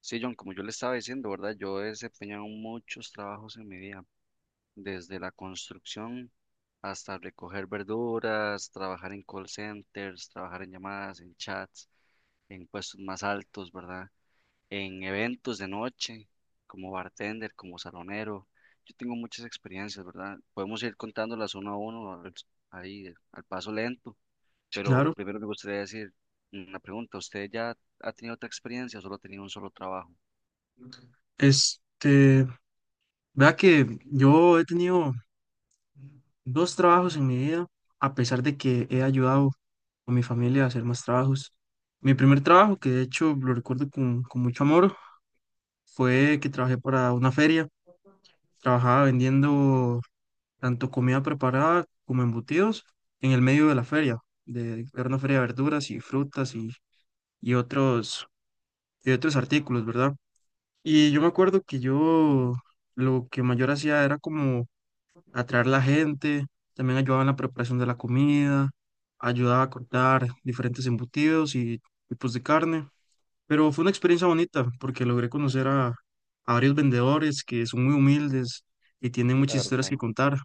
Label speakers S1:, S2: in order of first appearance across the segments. S1: Sí, John, como yo le estaba diciendo, ¿verdad? Yo he desempeñado muchos trabajos en mi vida, desde la construcción hasta recoger verduras, trabajar en call centers, trabajar en llamadas, en chats, en puestos más altos, ¿verdad? En eventos de noche, como bartender, como salonero. Yo tengo muchas experiencias, ¿verdad? Podemos ir contándolas uno a uno, ahí al paso lento,
S2: Sí,
S1: pero
S2: claro.
S1: primero me gustaría decir una pregunta. ¿Usted ya ha tenido otra experiencia o solo ha tenido un solo trabajo?
S2: Este, vea que yo he tenido dos trabajos en mi vida, a pesar de que he ayudado a mi familia a hacer más trabajos. Mi primer trabajo, que de hecho lo recuerdo con mucho amor, fue que trabajé para una feria. Trabajaba vendiendo tanto comida preparada como embutidos en el medio de la feria. Era una feria de verduras y frutas y otros, y otros artículos, ¿verdad? Y yo me acuerdo que yo lo que mayor hacía era como atraer la gente, también ayudaba en la preparación de la comida, ayudaba a cortar diferentes embutidos y tipos de carne, pero fue una experiencia bonita porque logré conocer a varios vendedores que son muy humildes y tienen muchas historias que contar,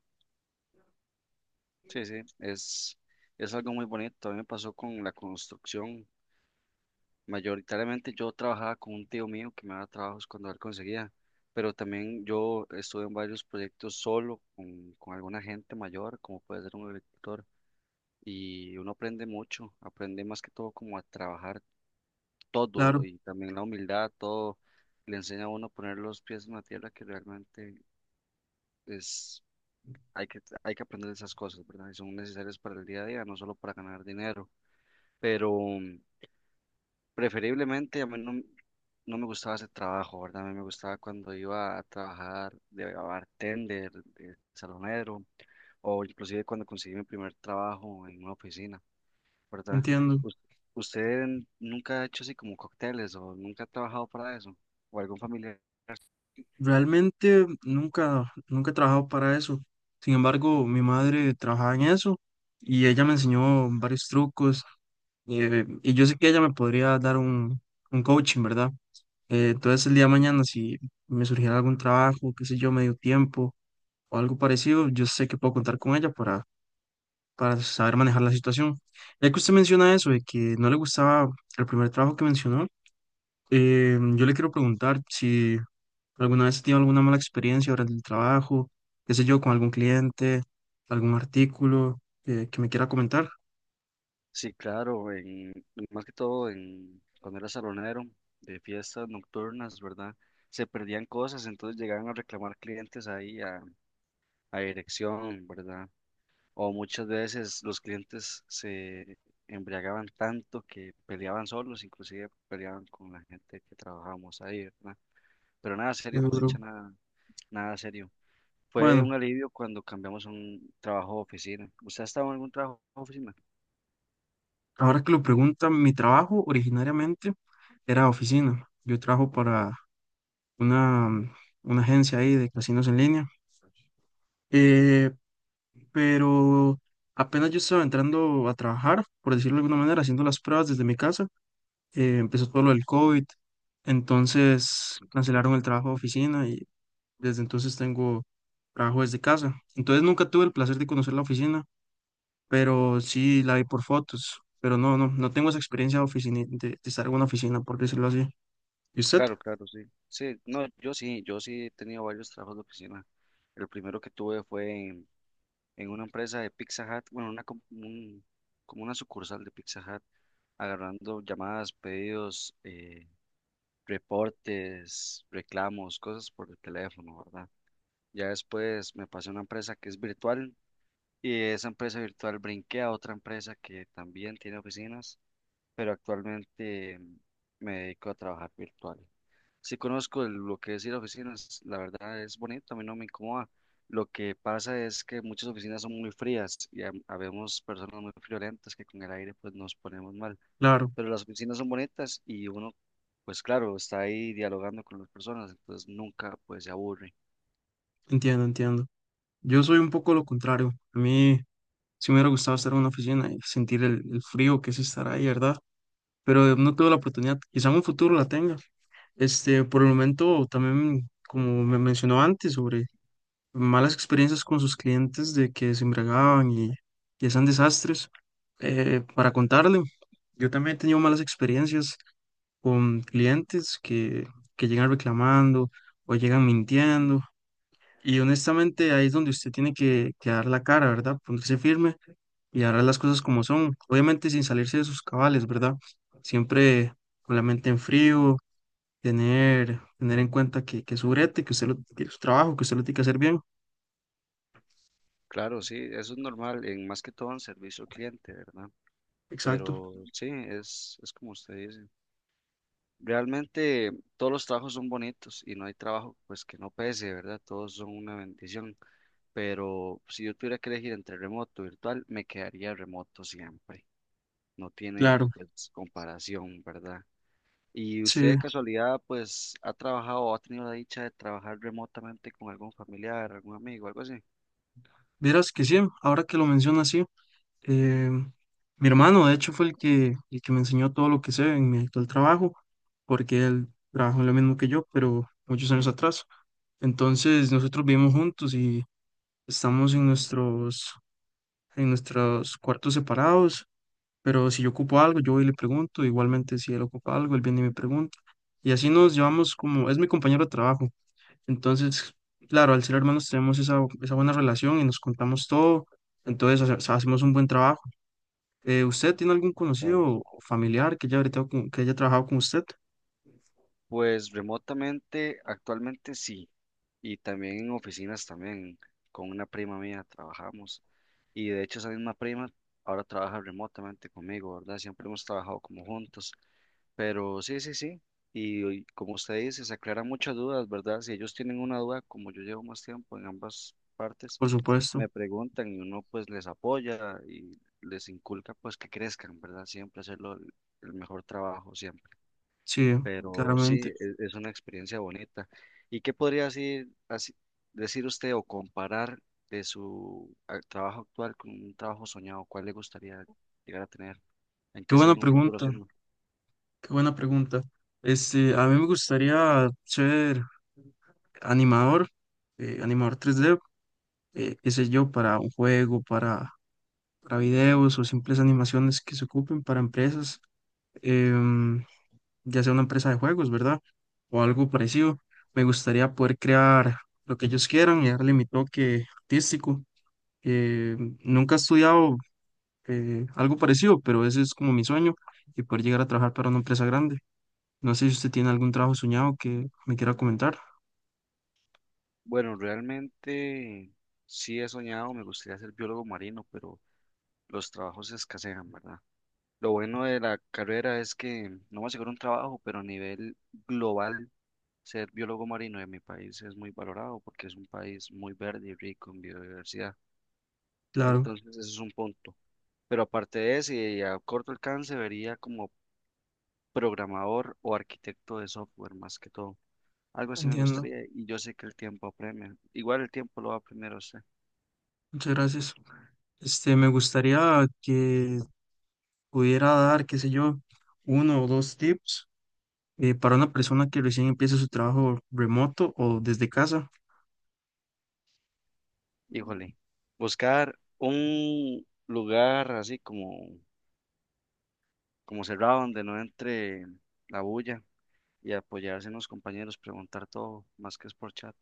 S1: Sí, sí, es algo muy bonito. A mí me pasó con la construcción. Mayoritariamente yo trabajaba con un tío mío que me daba trabajos cuando él conseguía, pero también yo estuve en varios proyectos solo con alguna gente mayor, como puede ser un agricultor, y uno aprende mucho, aprende más que todo como a trabajar todo
S2: claro,
S1: y también la humildad, todo le enseña a uno a poner los pies en la tierra que realmente es hay que, hay que aprender esas cosas, ¿verdad? Y son necesarias para el día a día, no solo para ganar dinero. Pero mm, preferiblemente a mí no, no me gustaba ese trabajo, ¿verdad? A mí me gustaba cuando iba a trabajar de bartender, de salonero, o inclusive cuando conseguí mi primer trabajo en una oficina, ¿verdad?
S2: entiendo.
S1: ¿Us- ¿Usted nunca ha hecho así como cócteles o nunca ha trabajado para eso? ¿O algún familiar?
S2: Realmente nunca, nunca he trabajado para eso. Sin embargo, mi madre trabajaba en eso y ella me enseñó varios trucos y yo sé que ella me podría dar un coaching, ¿verdad? Entonces el día de mañana, si me surgiera algún trabajo, qué sé yo, medio tiempo o algo parecido, yo sé que puedo contar con ella para saber manejar la situación. Ya que usted menciona eso, de que no le gustaba el primer trabajo que mencionó, yo le quiero preguntar si alguna vez tiene alguna mala experiencia durante el trabajo, qué sé yo, con algún cliente, algún artículo que me quiera comentar.
S1: Sí, claro, más que todo cuando era salonero de fiestas nocturnas, ¿verdad? Se perdían cosas, entonces llegaban a reclamar clientes a dirección, ¿verdad? O muchas veces los clientes se embriagaban tanto que peleaban solos, inclusive peleaban con la gente que trabajábamos ahí, ¿verdad? Pero nada
S2: Eh,
S1: serio, por dicha nada, nada serio. Fue
S2: bueno,
S1: un alivio cuando cambiamos a un trabajo de oficina. ¿Usted ha estado en algún trabajo de oficina?
S2: ahora que lo preguntan, mi trabajo originariamente era oficina. Yo trabajo para una, mm, una agencia ahí de casinos en línea. Eh, pero apenas yo estaba entrando a trabajar, por decirlo de alguna manera, haciendo las pruebas desde mi casa, empezó todo lo del COVID, entonces cancelaron el trabajo de oficina y desde entonces tengo trabajo desde casa. Entonces nunca tuve el placer de conocer la oficina, pero sí la vi por fotos, pero no, no, no tengo esa experiencia oficina de estar en una oficina, por decirlo así. ¿Y usted?
S1: Claro, claro, sí. Sí, no, yo sí, yo sí he tenido varios trabajos de oficina. El primero que tuve fue en una empresa de Pizza Hut, bueno, como una sucursal de Pizza Hut, agarrando llamadas, pedidos, reportes, reclamos, cosas por el teléfono, ¿verdad? Ya después me pasé a una empresa que es virtual y de esa empresa virtual brinqué a otra empresa que también tiene oficinas, pero actualmente me dedico a trabajar virtual. Sí conozco lo que es ir a oficinas, la verdad es bonito, a mí no me incomoda. Lo que pasa es que muchas oficinas son muy frías y habemos personas muy friolentas que con el aire pues nos ponemos mal.
S2: Claro,
S1: Pero las oficinas son bonitas y uno pues claro, está ahí dialogando con las personas, entonces nunca pues se aburre.
S2: entiendo, entiendo. Yo soy un poco lo contrario. A mí, sí me hubiera gustado estar en una oficina y sentir el frío que es estar ahí, ¿verdad? Pero no tuve la oportunidad, quizá en un futuro la tenga. Este, por el momento, también, como me mencionó antes, sobre malas experiencias con sus clientes de que se embriagaban y hacían desastres. Para contarle, yo también he tenido malas experiencias con clientes que llegan reclamando o llegan mintiendo. Y honestamente ahí es donde usted tiene que dar la cara, ¿verdad? Ponerse firme y hará las cosas como son, obviamente sin salirse de sus cabales, ¿verdad? Siempre con la mente en frío, tener en cuenta que es su brete, que es su trabajo, que usted lo tiene que hacer bien.
S1: Claro, sí, eso es normal, en más que todo en servicio al cliente, ¿verdad?
S2: Exacto,
S1: Pero sí, es como usted dice. Realmente todos los trabajos son bonitos y no hay trabajo pues que no pese, ¿verdad? Todos son una bendición. Pero si yo tuviera que elegir entre remoto y virtual, me quedaría remoto siempre. No tiene
S2: claro.
S1: pues comparación, ¿verdad? ¿Y usted
S2: Sí,
S1: de casualidad pues ha trabajado o ha tenido la dicha de trabajar remotamente con algún familiar, algún amigo, algo así?
S2: verás que sí, ahora que lo menciona así, eh, mi hermano de hecho fue el que me enseñó todo lo que sé en mi actual trabajo, porque él trabajó en lo mismo que yo, pero muchos años atrás. Entonces nosotros vivimos juntos y estamos en nuestros cuartos separados. Pero si yo ocupo algo, yo voy y le pregunto, igualmente si él ocupa algo, él viene y me pregunta. Y así nos llevamos como, es mi compañero de trabajo. Entonces, claro, al ser hermanos tenemos esa buena relación y nos contamos todo, entonces hacemos un buen trabajo. ¿Usted tiene algún conocido
S1: Claro, sí.
S2: o familiar que haya, ahorita que haya trabajado con usted?
S1: Pues remotamente, actualmente sí, y también en oficinas también, con una prima mía trabajamos, y de hecho esa misma prima ahora trabaja remotamente conmigo, ¿verdad? Siempre hemos trabajado como juntos. Pero sí, sí, sí. Y hoy, como usted dice, se aclaran muchas dudas, ¿verdad? Si ellos tienen una duda, como yo llevo más tiempo en ambas partes,
S2: Por supuesto,
S1: me preguntan y uno pues les apoya y les inculca pues que crezcan, ¿verdad? Siempre hacerlo el mejor trabajo, siempre.
S2: sí,
S1: Pero sí,
S2: claramente.
S1: una experiencia bonita. ¿Y qué podría decir, decir usted o comparar de su trabajo actual con un trabajo soñado? ¿Cuál le gustaría llegar a tener? ¿En
S2: Qué
S1: qué se ve
S2: buena
S1: en un futuro?
S2: pregunta, qué buena pregunta. Este, a mí me gustaría ser animador, animador 3D qué sé yo, para un juego, para videos o simples animaciones que se ocupen para empresas, em, ya sea una empresa de juegos, ¿verdad? O algo parecido. Me gustaría poder crear lo que ellos quieran y darle mi toque artístico. Eh, Nunca he estudiado algo parecido, pero ese es como mi sueño y poder llegar a trabajar para una empresa grande. No sé si usted tiene algún trabajo soñado que me quiera comentar.
S1: Bueno, realmente sí he soñado, me gustaría ser biólogo marino, pero los trabajos escasean, ¿verdad? Lo bueno de la carrera es que no me aseguro un trabajo, pero a nivel global, ser biólogo marino en mi país es muy valorado porque es un país muy verde y rico en biodiversidad.
S2: Claro,
S1: Entonces, ese es un punto. Pero aparte de eso, y a corto alcance, vería como programador o arquitecto de software más que todo. Algo así me
S2: entiendo.
S1: gustaría y yo sé que el tiempo apremia. Igual el tiempo lo va primero a apremiar a usted.
S2: Muchas gracias. Este, me gustaría que pudiera dar, qué sé yo, uno o dos tips para una persona que recién empieza su trabajo remoto o desde casa.
S1: Híjole, buscar un lugar así como, como cerrado donde no entre la bulla y apoyarse en los compañeros, preguntar todo, más que es por chat.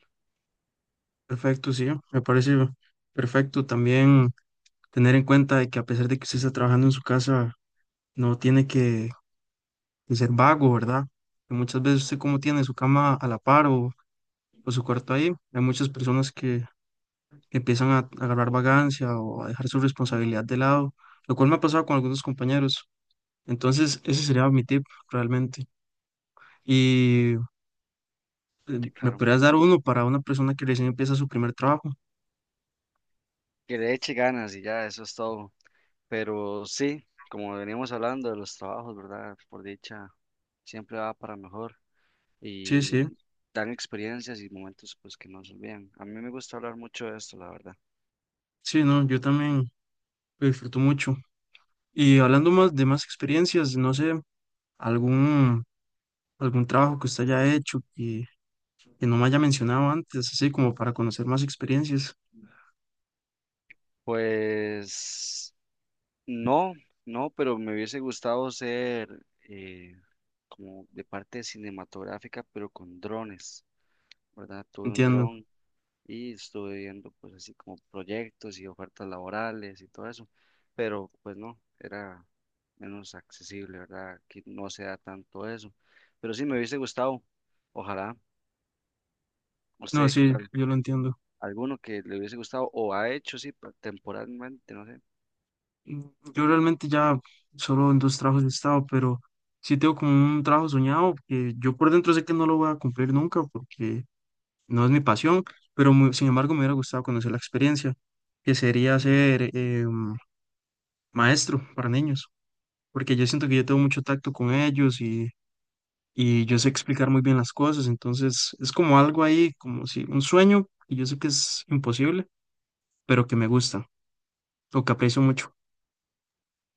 S2: Perfecto, sí, me parece perfecto también tener en cuenta de que a pesar de que usted está trabajando en su casa, no tiene que ser vago, ¿verdad? Que muchas veces usted como tiene su cama a la par o su cuarto ahí, hay muchas personas que empiezan a agarrar vagancia o a dejar su responsabilidad de lado, lo cual me ha pasado con algunos compañeros. Entonces, ese sería mi tip realmente. Y
S1: Sí,
S2: me
S1: claro.
S2: podrías dar uno para una persona que recién empieza su primer trabajo.
S1: Que le eche ganas y ya, eso es todo. Pero sí, como veníamos hablando de los trabajos, ¿verdad? Por dicha, siempre va para mejor
S2: Sí, sí,
S1: y dan experiencias y momentos pues que no se olvidan. A mí me gusta hablar mucho de esto, la verdad.
S2: sí, no, yo también lo disfruto mucho. Y hablando más de más experiencias, no sé, algún, algún trabajo que usted haya hecho y que no me haya mencionado antes, así como para conocer más experiencias.
S1: Pues... No, no, pero me hubiese gustado ser eh, como de parte cinematográfica, pero con drones, ¿verdad? Tuve un
S2: Entiendo.
S1: dron y estuve viendo pues así como proyectos y ofertas laborales y todo eso, pero pues no, era menos accesible, ¿verdad? Aquí no se da tanto eso, pero sí me hubiese gustado, ojalá, no
S2: No,
S1: sé qué
S2: sí,
S1: tal,
S2: yo lo entiendo.
S1: alguno que le hubiese gustado o ha hecho, sí, temporalmente, no sé.
S2: Mm, Yo realmente ya solo en dos trabajos he estado, pero sí tengo como un trabajo soñado que yo por dentro sé que no lo voy a cumplir nunca porque no es mi pasión, pero sin embargo me hubiera gustado conocer la experiencia, que sería ser maestro para niños, porque yo siento que yo tengo mucho tacto con ellos y yo sé explicar muy bien las cosas, entonces es como algo ahí, como si un sueño, y yo sé que es imposible, pero que me gusta, o que aprecio mucho,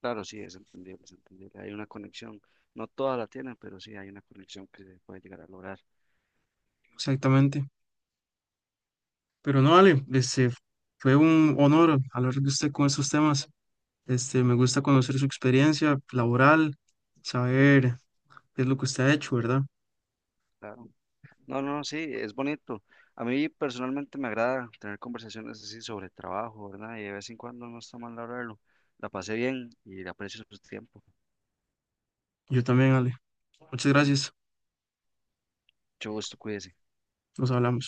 S1: Claro, sí, es entendible, es entendible. Hay una conexión, no todas la tienen, pero sí hay una conexión que se puede llegar a lograr.
S2: exactamente. Pero no, Ale, este, fue un honor hablar de usted con estos temas, este, me gusta conocer su experiencia laboral, saber qué es lo que usted ha hecho, ¿verdad?
S1: Claro. No, no, no, sí, es bonito. A mí personalmente me agrada tener conversaciones así sobre trabajo, ¿verdad? Y de vez en cuando no está mal hablarlo. La pasé bien y le aprecio su tiempo.
S2: Yo también, Ale. Muchas gracias.
S1: Mucho gusto, cuídese.
S2: Nos hablamos.